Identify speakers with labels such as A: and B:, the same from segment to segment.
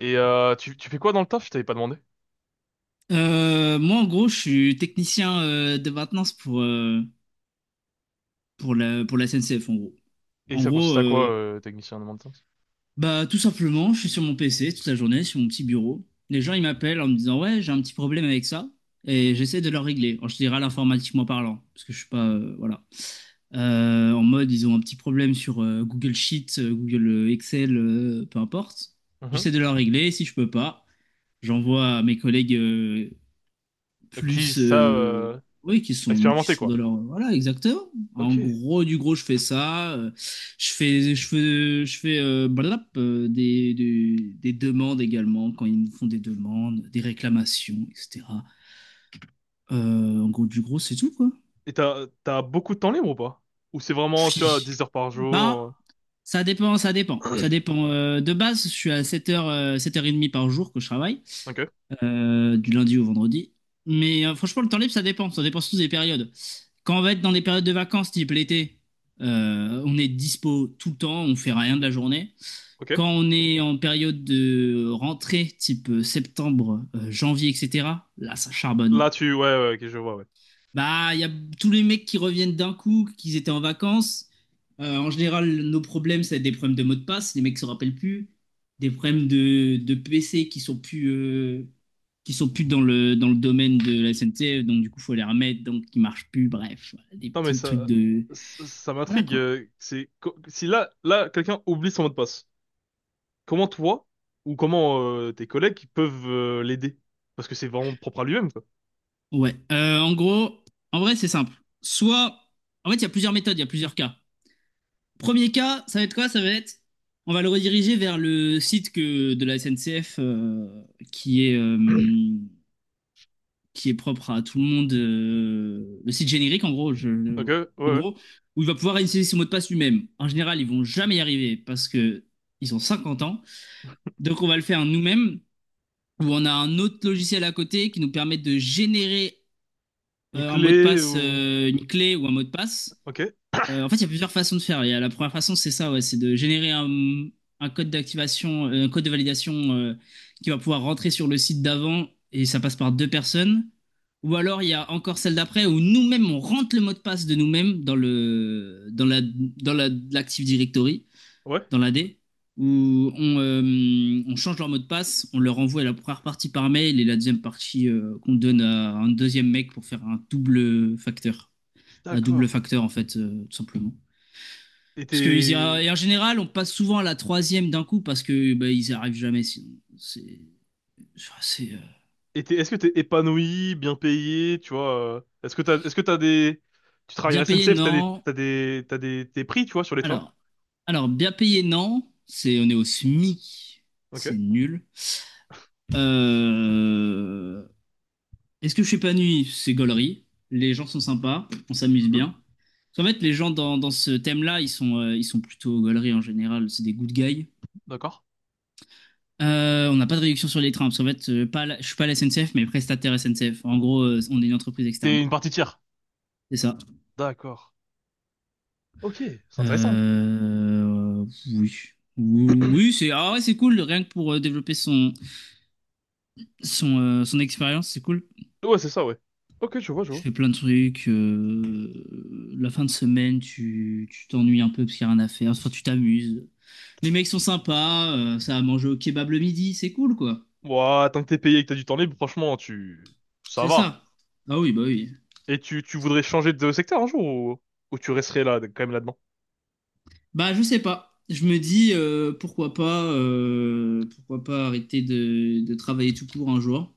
A: Tu fais quoi dans le taf? Je t'avais pas demandé.
B: Moi, en gros, je suis technicien de maintenance pour la SNCF, en gros.
A: Et
B: En
A: ça
B: gros,
A: consiste à quoi, technicien de maintenance?
B: bah, tout simplement, je suis sur mon PC toute la journée, sur mon petit bureau. Les gens, ils m'appellent en me disant, ouais, j'ai un petit problème avec ça. Et j'essaie de leur régler, en général informatiquement parlant, parce que je suis pas, voilà. En mode, ils ont un petit problème sur Google Sheets, Google Excel, peu importe.
A: Mhm.
B: J'essaie de leur régler, si je peux pas, j'envoie à mes collègues
A: Qui
B: plus,
A: ça,
B: oui, qui sont qui
A: expérimenté
B: sont
A: quoi.
B: dans leur, voilà, exactement. En
A: Ok. Et
B: gros du gros, je fais ça. Je fais des demandes, également quand ils nous font des demandes, des réclamations, etc. En gros du gros, c'est tout quoi.
A: t'as beaucoup de temps libre ou pas? Ou c'est vraiment, tu vois,
B: Phi.
A: 10 heures par
B: Bah,
A: jour?
B: ça dépend, ça dépend. Ça dépend. De base, je suis à 7h30 par jour que je travaille,
A: Ok,
B: du lundi au vendredi. Mais franchement, le temps libre, ça dépend. Ça dépend surtout des périodes. Quand on va être dans des périodes de vacances, type l'été, on est dispo tout le temps, on fait rien de la journée.
A: ok.
B: Quand on est en période de rentrée, type septembre, janvier, etc., là, ça charbonne.
A: Là, tu ouais, ouais, ok, je vois, ouais.
B: Bah, il y a tous les mecs qui reviennent d'un coup, qu'ils étaient en vacances. En général, nos problèmes, c'est des problèmes de mots de passe, les mecs se rappellent plus, des problèmes de PC qui sont plus, dans le, domaine de la SNCF, donc du coup, faut les remettre, donc qui marchent plus, bref, voilà, des
A: Non mais
B: petits trucs
A: ça
B: de.
A: ça, ça
B: Voilà
A: m'intrigue.
B: quoi.
A: Si là quelqu'un oublie son mot de passe. Comment toi ou comment tes collègues peuvent l'aider? Parce que c'est vraiment propre à lui-même quoi.
B: Ouais. En gros, en vrai, c'est simple. Soit. En fait, il y a plusieurs méthodes, il y a plusieurs cas. Premier cas, ça va être quoi? Ça va être, on va le rediriger vers le site que, de la SNCF, qui est, euh, qui est propre à tout le monde, le site générique en gros,
A: Ok, ouais,
B: en
A: ouais.
B: gros, où il va pouvoir initialiser son mot de passe lui-même. En général, ils vont jamais y arriver parce que ils ont 50 ans. Donc on va le faire nous-mêmes, où on a un autre logiciel à côté qui nous permet de générer
A: Une
B: un mot de
A: clé
B: passe,
A: ou,
B: une clé ou un mot de passe.
A: ok,
B: En fait, il y a plusieurs façons de faire. Il y a la première façon, c'est ça, ouais, c'est de générer un code d'activation, un code de validation qui va pouvoir rentrer sur le site d'avant, et ça passe par deux personnes. Ou alors, il y a encore celle d'après où nous-mêmes, on rentre le mot de passe de nous-mêmes dans l'Active Directory,
A: ouais.
B: dans la D, où on change leur mot de passe, on leur envoie la première partie par mail et la deuxième partie, qu'on donne à un deuxième mec pour faire un double facteur. Un double
A: D'accord.
B: facteur, en fait, tout simplement.
A: Et
B: Parce que
A: t'es,
B: et en général, on passe souvent à la troisième d'un coup parce que bah, ils n'y arrivent jamais sinon. C'est, enfin, c'est,
A: Est-ce que t'es épanoui, bien payé, tu vois? Est-ce que t'as des, Tu travailles à la
B: bien payé,
A: SNCF,
B: non.
A: tes prix, tu vois, sur les trains?
B: Alors, alors, bien payé, non. C'est, on est au SMIC, c'est
A: Ok.
B: nul. Euh, Est-ce que je suis pas nuit? C'est gaulerie. Les gens sont sympas, on s'amuse
A: Mhm.
B: bien. En fait, les gens dans ce thème-là, ils sont plutôt gaulerie en général. C'est des good guys.
A: D'accord.
B: On n'a pas de réduction sur les trains, parce qu'en fait, pas la- je suis pas la SNCF, mais prestataire SNCF. En gros, on est une entreprise externe.
A: T'es une partie tiers.
B: C'est ça.
A: D'accord. Ok, c'est intéressant.
B: Euh, oui. Oui, oui, c'est, ah ouais, c'est cool, rien que pour développer son, son expérience, c'est cool.
A: Ouais, c'est ça, ouais. Ok, je vois, je
B: Je
A: vois.
B: fais plein de trucs. La fin de semaine, tu t'ennuies un peu parce qu'il n'y a rien à faire. Enfin, tu t'amuses. Les mecs sont sympas, ça a mangé au kebab le midi, c'est cool, quoi.
A: Ouah, tant que t'es payé et que t'as du temps libre, franchement, ça
B: C'est
A: va.
B: ça. Ah oui.
A: Et tu voudrais changer de secteur un jour, ou tu resterais là, quand même là-dedans?
B: Bah, je sais pas. Je me dis, pourquoi pas arrêter de travailler tout court un jour.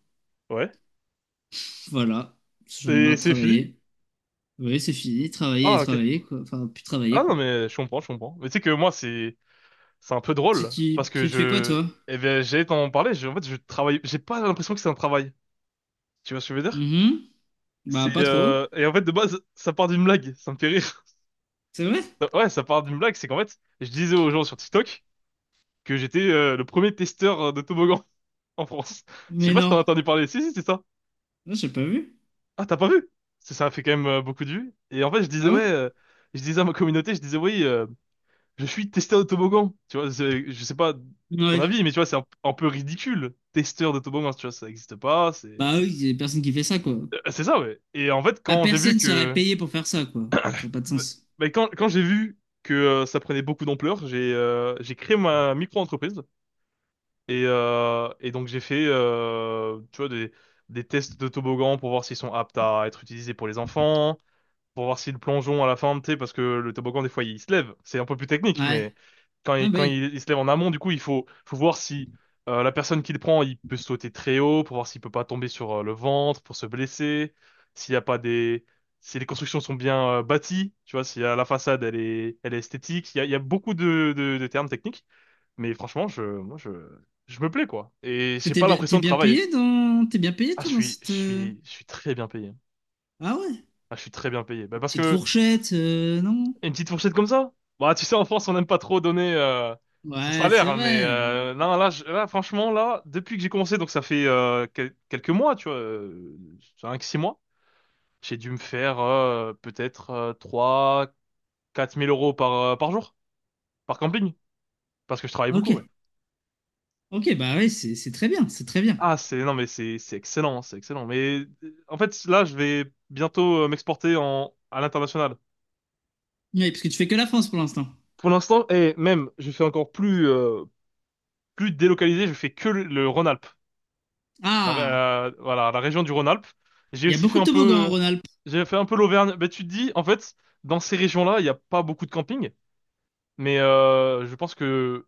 A: Ouais.
B: Voilà, parce que j'en ai
A: Et
B: marre de
A: c'est fini?
B: travailler. Oui, c'est fini, travailler et
A: Ah, ok.
B: travailler, quoi. Enfin, plus
A: Ah
B: travailler,
A: non,
B: quoi.
A: mais je comprends, je comprends. Mais tu sais que moi, c'est un peu
B: Si
A: drôle
B: tu,
A: parce que
B: si tu fais quoi, toi?
A: eh bien, j'allais t'en parler. En fait, je travaille. J'ai pas l'impression que c'est un travail. Tu vois ce que je veux dire?
B: Mhm. Bah,
A: C'est
B: pas trop.
A: Et en fait de base, ça part d'une blague. Ça me fait rire.
B: C'est vrai?
A: Ouais, ça part d'une blague. C'est qu'en fait, je disais aux gens sur TikTok que j'étais le premier testeur de toboggan en France. Je sais
B: Mais
A: pas si
B: non.
A: t'en as entendu parler. Si, si, c'est ça.
B: Non, j'ai pas vu.
A: Ah, t'as pas vu? Ça a fait quand même beaucoup de vues. Et en fait, je disais
B: Ah ouais?
A: ouais. Je disais à ma communauté, je disais oui. Je suis testeur de toboggan. Tu vois, je sais pas ton
B: Ouais.
A: avis, mais tu vois, c'est un peu ridicule. Testeur de toboggan, tu vois, ça n'existe pas.
B: Bah oui, il y a personne qui fait ça, quoi.
A: C'est ça, ouais. Et en fait,
B: Bah, personne serait payé pour faire ça, quoi. Ça n'a pas de
A: bah,
B: sens.
A: quand j'ai vu que ça prenait beaucoup d'ampleur, j'ai créé ma micro-entreprise. Et donc, j'ai fait, tu vois, des tests de toboggan pour voir s'ils sont aptes à être utilisés pour les enfants. Pour voir si le plongeon à la fin, tu sais, parce que le toboggan, des fois, il se lève. C'est un peu plus technique,
B: Ouais.
A: mais quand
B: Ah
A: il,
B: bah
A: quand
B: oui.
A: il, il se lève en amont, du coup, faut voir si la personne qui le prend, il peut sauter très haut, pour voir s'il peut pas tomber sur le ventre, pour se blesser, s'il y a pas des... Si les constructions sont bien bâties, tu vois, si la façade elle est esthétique, il y a beaucoup de termes techniques, mais franchement, je me plais quoi, et
B: Parce que
A: j'ai
B: t'es
A: pas
B: bien,
A: l'impression
B: t'es
A: de
B: bien
A: travailler.
B: payé
A: Ah, je
B: toi dans
A: suis, je
B: cette.
A: suis, je suis très bien payé.
B: Ah ouais.
A: Ah, je suis très bien payé. Bah,
B: Une
A: parce
B: petite
A: que
B: fourchette, non?
A: Une petite fourchette comme ça? Bah, tu sais, en France, on n'aime pas trop donner son
B: Ouais,
A: salaire,
B: c'est
A: hein, mais
B: vrai.
A: non, là, franchement, là, depuis que j'ai commencé, donc ça fait quelques mois, tu vois, euh, 5 six mois, j'ai dû me faire peut-être 3-4 000 euros par jour, par camping, parce que je travaille
B: Ok,
A: beaucoup, ouais.
B: ok, bah oui, c'est très bien, c'est très bien.
A: Ah, non, mais c'est excellent, c'est excellent. Mais en fait, là, je vais bientôt m'exporter à l'international.
B: Oui, parce que tu fais que la France pour l'instant.
A: Pour l'instant, et même, je fais encore plus délocalisé, je fais que le rhône
B: Ah,
A: voilà, la région du Rhône-Alpes. J'ai
B: il y a
A: aussi fait
B: beaucoup de
A: un
B: toboggans en
A: peu,
B: Rhône-Alpes.
A: j'ai fait un peu l'Auvergne. Mais tu te dis, en fait, dans ces régions-là, il n'y a pas beaucoup de camping. Mais je pense que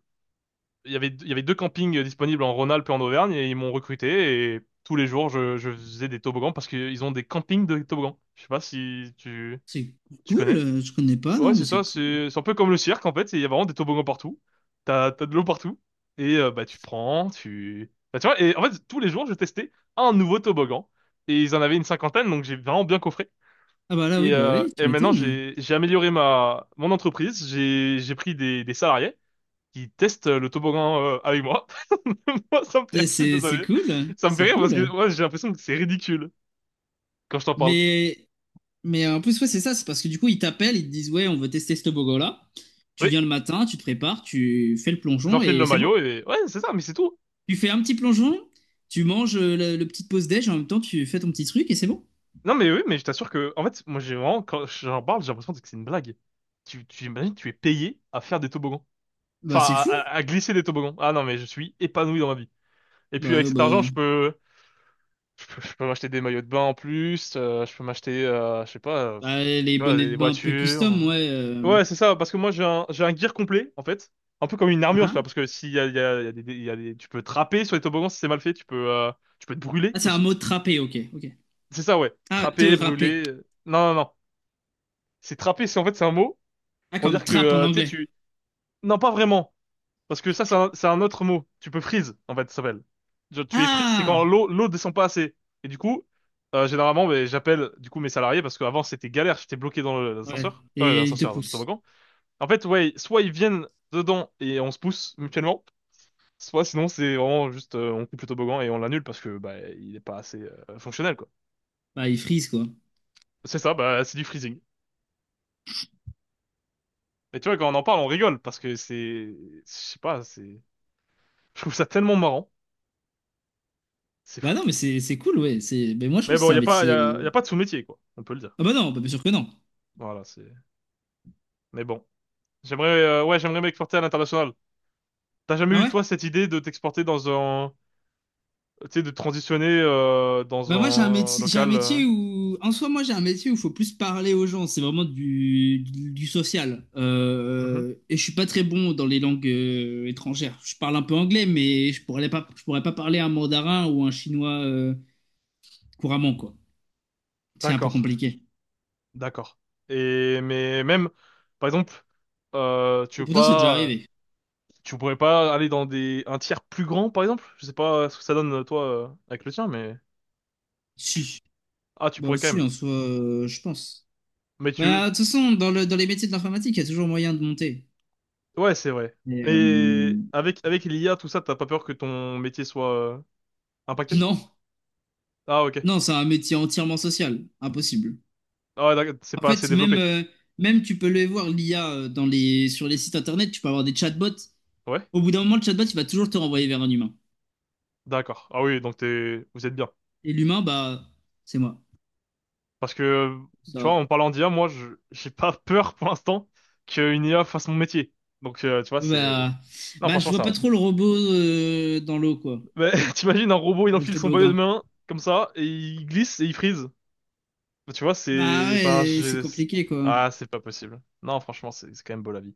A: il y avait deux campings disponibles en Rhône-Alpes et en Auvergne et ils m'ont recruté et tous les jours, je faisais des toboggans parce qu'ils ont des campings de toboggans. Je sais pas si tu,
B: C'est
A: tu
B: cool,
A: connais.
B: je connais pas,
A: Ouais,
B: non, mais
A: c'est ça,
B: c'est cool.
A: c'est un peu comme le cirque en fait, il y a vraiment des toboggans partout. T'as de l'eau partout et bah tu prends, tu bah, tu vois, et en fait tous les jours je testais un nouveau toboggan et ils en avaient une cinquantaine donc j'ai vraiment bien coffré.
B: Ah bah là, oui,
A: Et,
B: bah
A: euh,
B: oui, tu
A: et maintenant
B: m'étonnes.
A: j'ai amélioré ma mon entreprise, j'ai pris des salariés qui testent le toboggan avec moi. Moi ça me fait rire,
B: C'est
A: je suis
B: c'est- c'est
A: désolé.
B: cool,
A: Ça me fait
B: c'est
A: rire parce que
B: cool.
A: ouais, j'ai l'impression que c'est ridicule quand je t'en parle.
B: Mais, mais, en plus, ouais, c'est ça, c'est parce que du coup, ils t'appellent, ils te disent, ouais, on veut tester ce toboggan-là. Tu viens
A: Oui,
B: le matin, tu te prépares, tu fais le plongeon
A: j'enfile
B: et
A: le
B: c'est bon.
A: maillot et ouais, c'est ça mais c'est tout.
B: Tu fais un petit plongeon, tu manges le petit pause-déj, en même temps, tu fais ton petit truc et c'est bon.
A: Non, mais oui, mais je t'assure que, en fait, moi, j'ai vraiment, quand j'en parle, j'ai l'impression que c'est une blague. Tu imagines, tu es payé à faire des toboggans. Enfin,
B: Bah, c'est fou.
A: à glisser des toboggans. Ah non, mais je suis épanoui dans ma vie. Et puis, avec
B: Bah,
A: cet argent,
B: bah,
A: je peux m'acheter des maillots de bain en plus, je peux m'acheter, je sais pas,
B: bah, les
A: tu vois,
B: bonnets
A: des
B: de bain un peu
A: voitures.
B: custom, ouais.
A: euh. Ouais, c'est ça, parce que moi, j'ai un gear complet, en fait. Un peu comme une armure, tu vois,
B: Hein.
A: parce que s'il y a, il y a, il y a des, tu peux trapper sur les toboggans si c'est mal fait, tu peux te brûler
B: Ah, c'est un
A: aussi.
B: mot, trapper, ok, ok.
A: C'est ça, ouais.
B: Ah, te
A: Trapper,
B: râper.
A: brûler. Non, non, non. C'est trapper, c'est en fait c'est un mot
B: Ah,
A: pour
B: comme
A: dire que
B: trappe en
A: tu sais
B: anglais.
A: tu, non pas vraiment, parce que ça c'est un autre mot. Tu peux freeze en fait ça s'appelle. Genre, tu es freeze, c'est quand
B: Ah!
A: l'eau descend pas assez. Et du coup généralement ben, j'appelle du coup mes salariés parce qu'avant c'était galère, j'étais bloqué dans
B: Ouais.
A: l'ascenseur,
B: Et il te
A: l'ascenseur dans le
B: pousse.
A: toboggan. En fait ouais, soit ils viennent dedans et on se pousse mutuellement, soit sinon c'est vraiment juste on coupe le toboggan et on l'annule parce que bah il est pas assez fonctionnel quoi.
B: Bah, il frise, quoi.
A: C'est ça, bah c'est du freezing. Et tu vois, quand on en parle, on rigole parce que je sais pas, je trouve ça tellement marrant. C'est
B: Bah,
A: fou.
B: non, mais c'est cool, ouais. C'est. Mais moi, je trouve
A: Mais
B: que
A: bon,
B: c'est
A: il n'y
B: un
A: a pas, y
B: métier.
A: a, y a pas de sous-métier, quoi. On peut le dire.
B: Ah, bah, non, bah, bien sûr que non.
A: Voilà, c'est. Mais bon. J'aimerais m'exporter à l'international. T'as jamais
B: Ah,
A: eu,
B: ouais?
A: toi, cette idée de t'exporter dans un, tu sais, de transitionner, dans
B: Bah moi,
A: un
B: j'ai un
A: local,
B: métier où en soi moi j'ai un métier où il faut plus parler aux gens, c'est vraiment du social.
A: mhm.
B: Et je suis pas très bon dans les langues étrangères. Je parle un peu anglais mais je pourrais pas parler un mandarin ou un chinois couramment, quoi. C'est un peu
A: D'accord.
B: compliqué.
A: D'accord. Mais même, par exemple, euh, tu
B: Et
A: veux
B: pourtant, c'est déjà
A: pas,
B: arrivé.
A: tu pourrais pas aller dans un tiers plus grand, par exemple? Je sais pas ce que ça donne, toi, avec le tien, mais,
B: Si.
A: ah, tu
B: Bah
A: pourrais quand
B: si,
A: même.
B: en soi, je pense.
A: Mais tu,
B: Bah de toute façon, dans les métiers de l'informatique, il y a toujours moyen de monter.
A: Ouais, c'est vrai.
B: Mais,
A: Et avec l'IA, tout ça, t'as pas peur que ton métier soit impacté?
B: non.
A: Ah, ok.
B: Non, c'est un métier entièrement social, impossible.
A: Ah ouais, d'accord, c'est
B: En
A: pas assez
B: fait, même,
A: développé.
B: euh, même tu peux le voir, l'IA, sur les sites internet, tu peux avoir des chatbots.
A: Ouais?
B: Au bout d'un moment, le chatbot, il va toujours te renvoyer vers un humain.
A: D'accord. Ah oui, donc vous êtes bien.
B: Et l'humain, bah, c'est moi.
A: Parce que,
B: Ça
A: tu vois,
B: va.
A: en parlant d'IA, moi, j'ai pas peur pour l'instant qu'une IA fasse mon métier. Donc, tu vois, c'est...
B: Bah,
A: Non,
B: bah, je
A: franchement,
B: vois
A: ça
B: pas
A: va.
B: trop le robot, dans l'eau, quoi.
A: Mais t'imagines, un robot, il
B: Dans le
A: enfile son bonnet de
B: toboggan.
A: main, comme ça, et il glisse et il freeze. Tu vois,
B: Bah
A: c'est...
B: ouais, c'est compliqué, quoi.
A: Ah, c'est pas possible. Non, franchement, c'est quand même beau la vie.